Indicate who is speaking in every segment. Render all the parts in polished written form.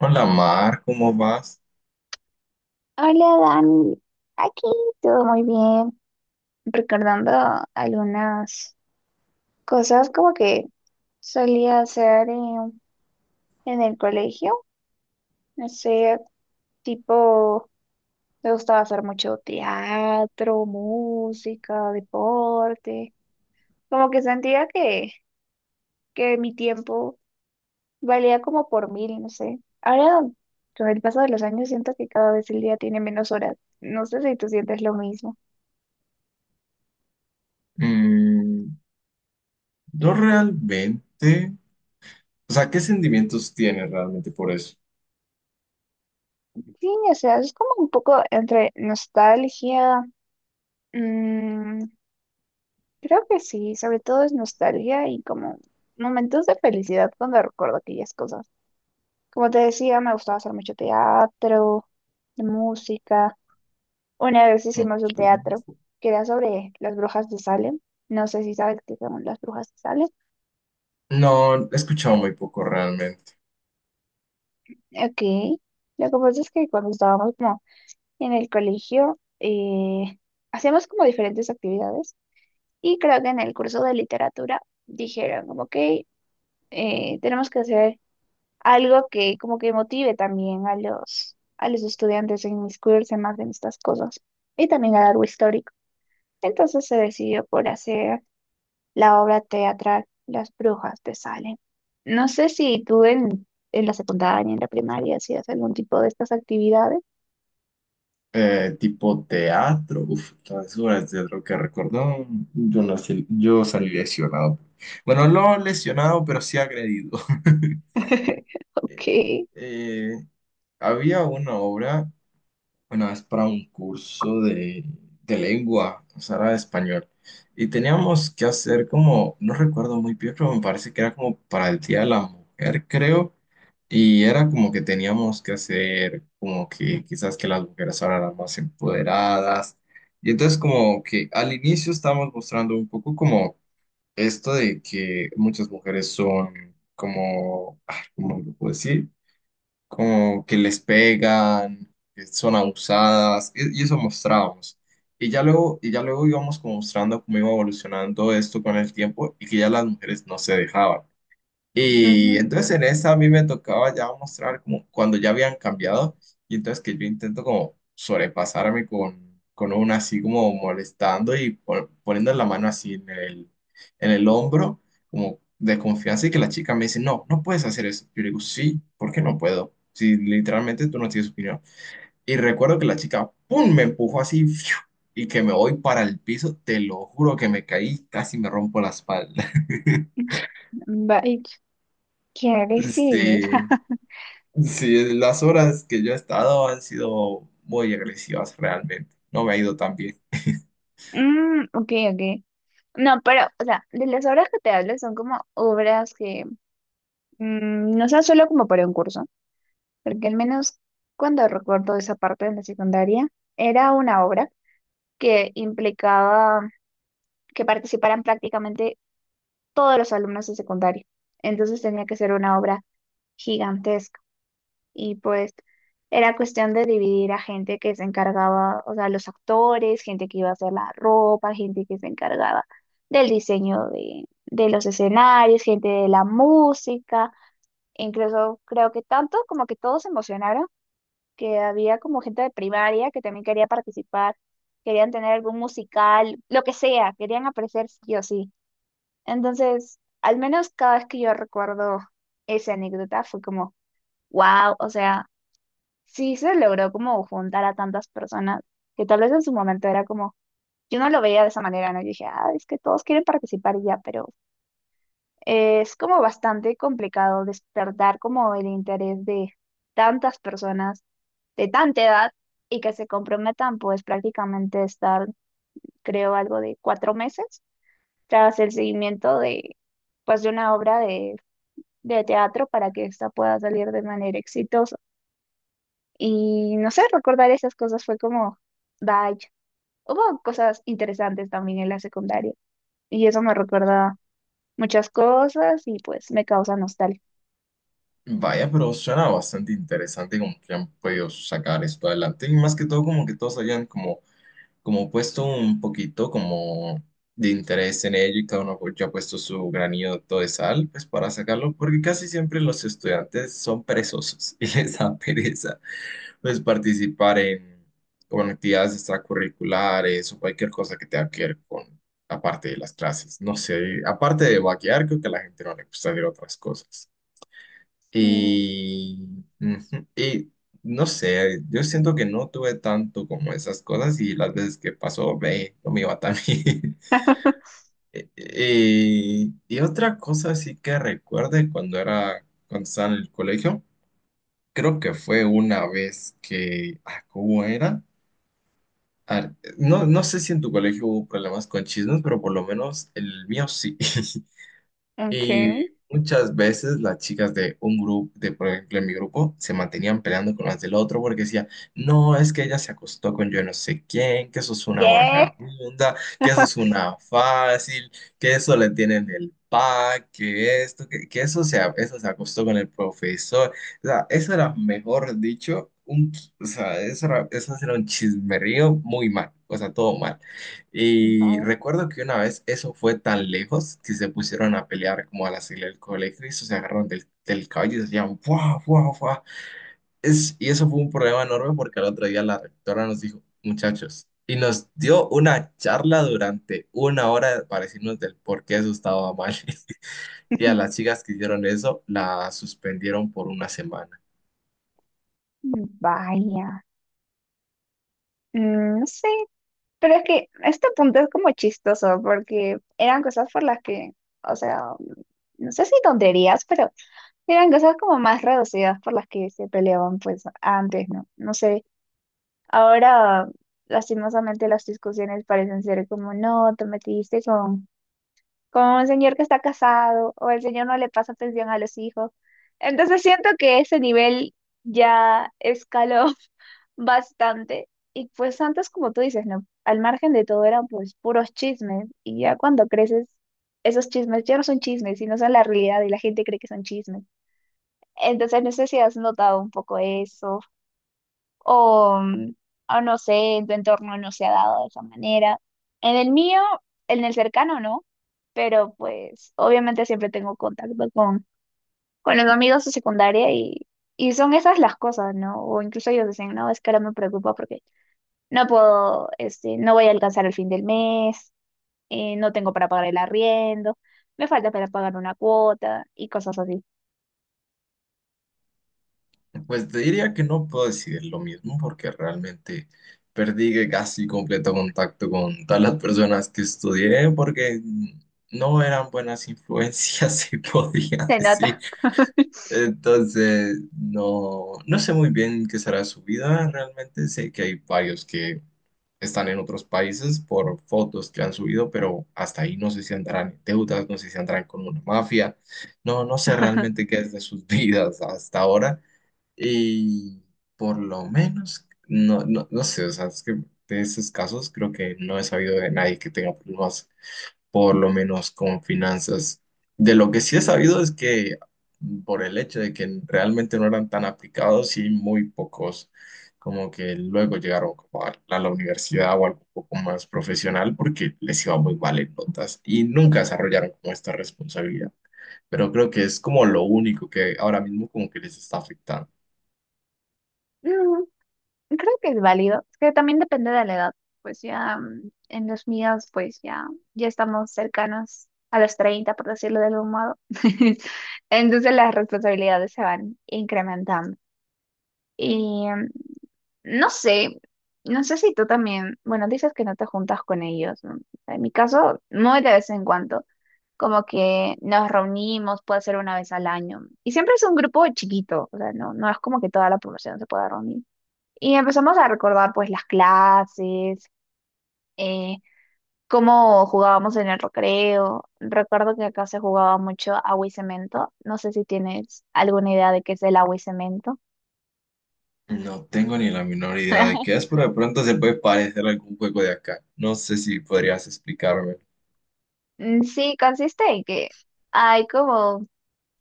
Speaker 1: Hola Mar, ¿cómo vas?
Speaker 2: Hola Dani, aquí todo muy bien, recordando algunas cosas como que solía hacer en el colegio, no sé, tipo, me gustaba hacer mucho teatro, música, deporte, como que sentía que mi tiempo valía como por mil, no sé. Ahora, con el paso de los años, siento que cada vez el día tiene menos horas, no sé si tú sientes lo mismo.
Speaker 1: Mm, yo realmente, o sea, ¿qué sentimientos tienes realmente por eso?
Speaker 2: Sí, o sea, es como un poco entre nostalgia. mm, Creo que sí, sobre todo es nostalgia y como momentos de felicidad cuando recuerdo aquellas cosas. Como te decía, me gustaba hacer mucho teatro, de música. Una vez hicimos
Speaker 1: Ok.
Speaker 2: un teatro que era sobre las brujas de Salem. No sé si sabes qué son las brujas de Salem.
Speaker 1: No, he escuchado muy poco realmente.
Speaker 2: Ok. Lo que pasa es que cuando estábamos como en el colegio, hacíamos como diferentes actividades. Y creo que en el curso de literatura dijeron como que tenemos que hacer algo que como que motive también a los estudiantes a inmiscuirse más en estas cosas y también a algo histórico. Entonces se decidió por hacer la obra teatral Las Brujas de Salem. No sé si tú en la secundaria, en la primaria, hacías algún tipo de estas actividades.
Speaker 1: Tipo teatro, uff, las obras de teatro que recordó, yo salí lesionado. Bueno, no lesionado, pero sí agredido. Eh,
Speaker 2: Ok.
Speaker 1: eh, había una obra. Una vez para un curso de lengua, o sea, era de español. Y teníamos que hacer como, no recuerdo muy bien, pero me parece que era como para el Día de la Mujer, creo. Y era como que teníamos que hacer como que quizás que las mujeres ahora eran más empoderadas. Y entonces como que al inicio estábamos mostrando un poco como esto de que muchas mujeres son como, ah, ¿cómo lo puedo decir? Como que les pegan, que son abusadas, y eso mostrábamos. Y ya luego íbamos como mostrando cómo iba evolucionando esto con el tiempo y que ya las mujeres no se dejaban. Y
Speaker 2: Ujú.
Speaker 1: entonces en esa a mí me tocaba ya mostrar como cuando ya habían cambiado y entonces que yo intento como sobrepasarme con una así como molestando y poniendo la mano así en en el hombro como de confianza y que la chica me dice, no, no puedes hacer eso. Yo le digo, sí, ¿por qué no puedo? Si literalmente tú no tienes opinión. Y recuerdo que la chica, ¡pum!, me empujó así, ¡fiu!, y que me voy para el piso, te lo juro que me caí, casi me rompo la espalda.
Speaker 2: Vaya, ¿qué decir?
Speaker 1: Sí. Sí, las horas que yo he estado han sido muy agresivas realmente. No me ha ido tan bien.
Speaker 2: Mm, ok, ok. No, pero, o sea, de las obras que te hablo son como obras que no son solo como para un curso, porque al menos cuando recuerdo esa parte de la secundaria, era una obra que implicaba que participaran prácticamente todos los alumnos de secundaria. Entonces tenía que ser una obra gigantesca, y pues era cuestión de dividir a gente que se encargaba, o sea, los actores, gente que iba a hacer la ropa, gente que se encargaba del diseño de los escenarios, gente de la música, incluso creo que tanto como que todos se emocionaron, que había como gente de primaria que también quería participar, querían tener algún musical, lo que sea, querían aparecer sí o sí. Entonces, al menos cada vez que yo recuerdo esa anécdota fue como, wow, o sea sí se logró como juntar a tantas personas que tal vez en su momento era como, yo no lo veía de esa manera, ¿no? Yo dije, ah, es que todos quieren participar y ya, pero es como bastante complicado despertar como el interés de tantas personas de tanta edad y que se comprometan pues prácticamente estar, creo, algo de 4 meses tras el seguimiento de pues de una obra de teatro para que esta pueda salir de manera exitosa. Y no sé, recordar esas cosas fue como... Bye. Hubo cosas interesantes también en la secundaria y eso me recuerda muchas cosas y pues me causa nostalgia.
Speaker 1: Vaya, pero suena bastante interesante como que han podido sacar esto adelante. Y más que todo, como que todos hayan como, como puesto un poquito como de interés en ello y cada uno pues, ya ha puesto su granito de sal pues para sacarlo, porque casi siempre los estudiantes son perezosos y les da pereza pues participar en, como actividades extracurriculares o cualquier cosa que tenga que ver con aparte de las clases. No sé, aparte de vaquear, creo que a la gente no le gusta hacer otras cosas.
Speaker 2: Y...
Speaker 1: Y, ujú, y no sé, yo siento que no tuve tanto como esas cosas y las veces que pasó, ve, no me iba tan bien. Y otra cosa sí que recuerde cuando estaba en el colegio, creo que fue una vez que, ah, ¿cómo era? A no, no sé si en tu colegio hubo problemas con chismes, pero por lo menos el mío sí. Y
Speaker 2: Okay.
Speaker 1: muchas veces las chicas de un grupo, de por ejemplo en mi grupo, se mantenían peleando con las del otro porque decía, no, es que ella se acostó con yo no sé quién, que eso es una
Speaker 2: ¿Qué?
Speaker 1: vagabunda, que eso es una fácil, que eso le tienen el pack, que esto, que eso eso se acostó con el profesor. O sea, eso era, mejor dicho, o sea, eso era un chismerío muy mal, o sea, todo mal. Y
Speaker 2: Vaya.
Speaker 1: recuerdo que una vez eso fue tan lejos que se pusieron a pelear como a la salida del colegio y eso se agarraron del cabello y decían, ¡buah, buah, buah! Y eso fue un problema enorme porque al otro día la rectora nos dijo, muchachos, y nos dio una charla durante una hora para decirnos del por qué eso estaba mal. Y a las chicas que hicieron eso, la suspendieron por una semana.
Speaker 2: Vaya. No sé, pero es que este punto es como chistoso porque eran cosas por las que, o sea, no sé si tonterías, pero eran cosas como más reducidas por las que se peleaban pues antes, ¿no? No sé. Ahora, lastimosamente, las discusiones parecen ser como, no, te metiste con un señor que está casado o el señor no le pasa atención a los hijos. Entonces siento que ese nivel ya escaló bastante. Y pues antes, como tú dices, ¿no? Al margen de todo eran pues puros chismes. Y ya cuando creces, esos chismes ya no son chismes, sino son la realidad y la gente cree que son chismes. Entonces no sé si has notado un poco eso o, mm, o no sé, en tu entorno no se ha dado de esa manera. En el mío, en el cercano no, pero pues obviamente siempre tengo contacto con los amigos de secundaria y son esas las cosas, ¿no? O incluso ellos dicen, no, es que ahora me preocupa porque no puedo, este, no voy a alcanzar el fin del mes, no tengo para pagar el arriendo, me falta para pagar una cuota y cosas así.
Speaker 1: Pues te diría que no puedo decidir lo mismo porque realmente perdí casi completo contacto con todas las personas que estudié porque no eran buenas influencias, se podía
Speaker 2: Se
Speaker 1: decir.
Speaker 2: nota.
Speaker 1: Entonces, no, no sé muy bien qué será su vida. Realmente sé que hay varios que están en otros países por fotos que han subido, pero hasta ahí no sé si andarán en deudas, no sé si andarán con una mafia. No, no sé realmente qué es de sus vidas hasta ahora. Y por lo menos, no sé, o sea, es que de esos casos creo que no he sabido de nadie que tenga problemas, por lo menos con finanzas. De lo que sí he sabido es que por el hecho de que realmente no eran tan aplicados y muy pocos, como que luego llegaron como a la universidad o algo un poco más profesional porque les iba muy mal en notas y nunca desarrollaron como esta responsabilidad. Pero creo que es como lo único que ahora mismo como que les está afectando.
Speaker 2: Creo que es válido, es que también depende de la edad. Pues ya en los míos, pues ya, ya estamos cercanos a los 30 por decirlo de algún modo. Entonces las responsabilidades se van incrementando. Y no sé, si tú también, bueno, dices que no te juntas con ellos, ¿no? En mi caso, muy de vez en cuando, como que nos reunimos, puede ser una vez al año. Y siempre es un grupo chiquito, o sea, no, no es como que toda la población se pueda reunir. Y empezamos a recordar pues las clases, eh, cómo jugábamos en el recreo. Recuerdo que acá se jugaba mucho agua y cemento. No sé si tienes alguna idea de qué es el agua y cemento.
Speaker 1: No tengo ni la menor idea de qué es, pero de pronto se puede parecer a algún juego de acá. No sé si podrías explicarme
Speaker 2: Mm, sí, consiste en que hay como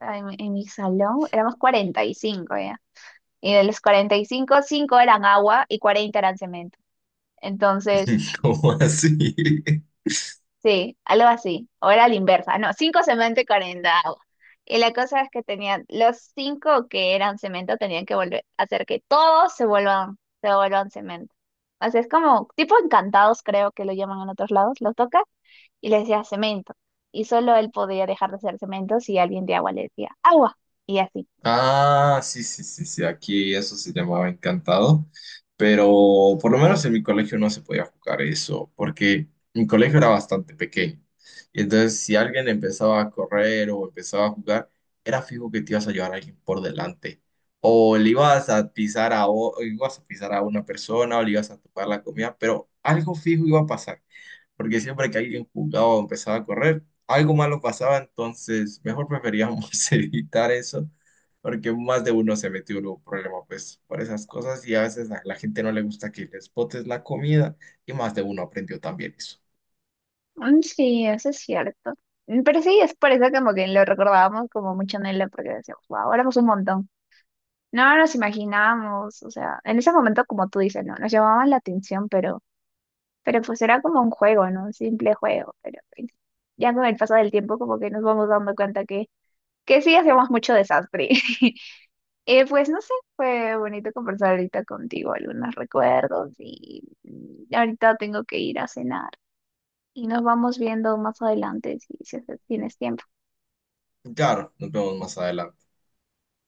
Speaker 2: en mi salón éramos 45 ya. Y de los 45, 5 eran agua y 40 eran cemento. Entonces,
Speaker 1: cómo así.
Speaker 2: sí, algo así. O era la inversa. No, cinco cemento y 40 agua. Y la cosa es que tenían, los cinco que eran cemento tenían que volver a hacer que todos se vuelvan cemento. O sea, es como tipo encantados, creo que lo llaman en otros lados. Los toca y les decía cemento. Y solo él podía dejar de ser cemento si alguien de agua le decía agua. Y así.
Speaker 1: Ah, sí, sí, sí, sí, aquí eso se llamaba encantado, pero por lo menos en mi colegio no se podía jugar eso, porque mi colegio era bastante pequeño. Y entonces si alguien empezaba a correr o empezaba a jugar, era fijo que te ibas a llevar a alguien por delante. O le ibas a pisar o ibas a pisar a una persona o le ibas a topar la comida, pero algo fijo iba a pasar, porque siempre que alguien jugaba o empezaba a correr, algo malo pasaba, entonces mejor preferíamos evitar eso porque más de uno se metió en un problema pues por esas cosas y a veces a la gente no le gusta que les botes la comida y más de uno aprendió también eso.
Speaker 2: Mm, sí, eso es cierto. Pero sí, es por eso como que lo recordábamos como mucho en él, porque decíamos, wow, éramos un montón. No nos imaginábamos, o sea, en ese momento, como tú dices, no, nos llamaban la atención, pero pues era como un juego, ¿no? Un simple juego, pero pues, ya con el paso del tiempo como que nos vamos dando cuenta que sí hacíamos mucho desastre. Pues no sé, fue bonito conversar ahorita contigo, algunos recuerdos y ahorita tengo que ir a cenar y nos vamos viendo más adelante si tienes tiempo.
Speaker 1: Claro, nos vemos más adelante.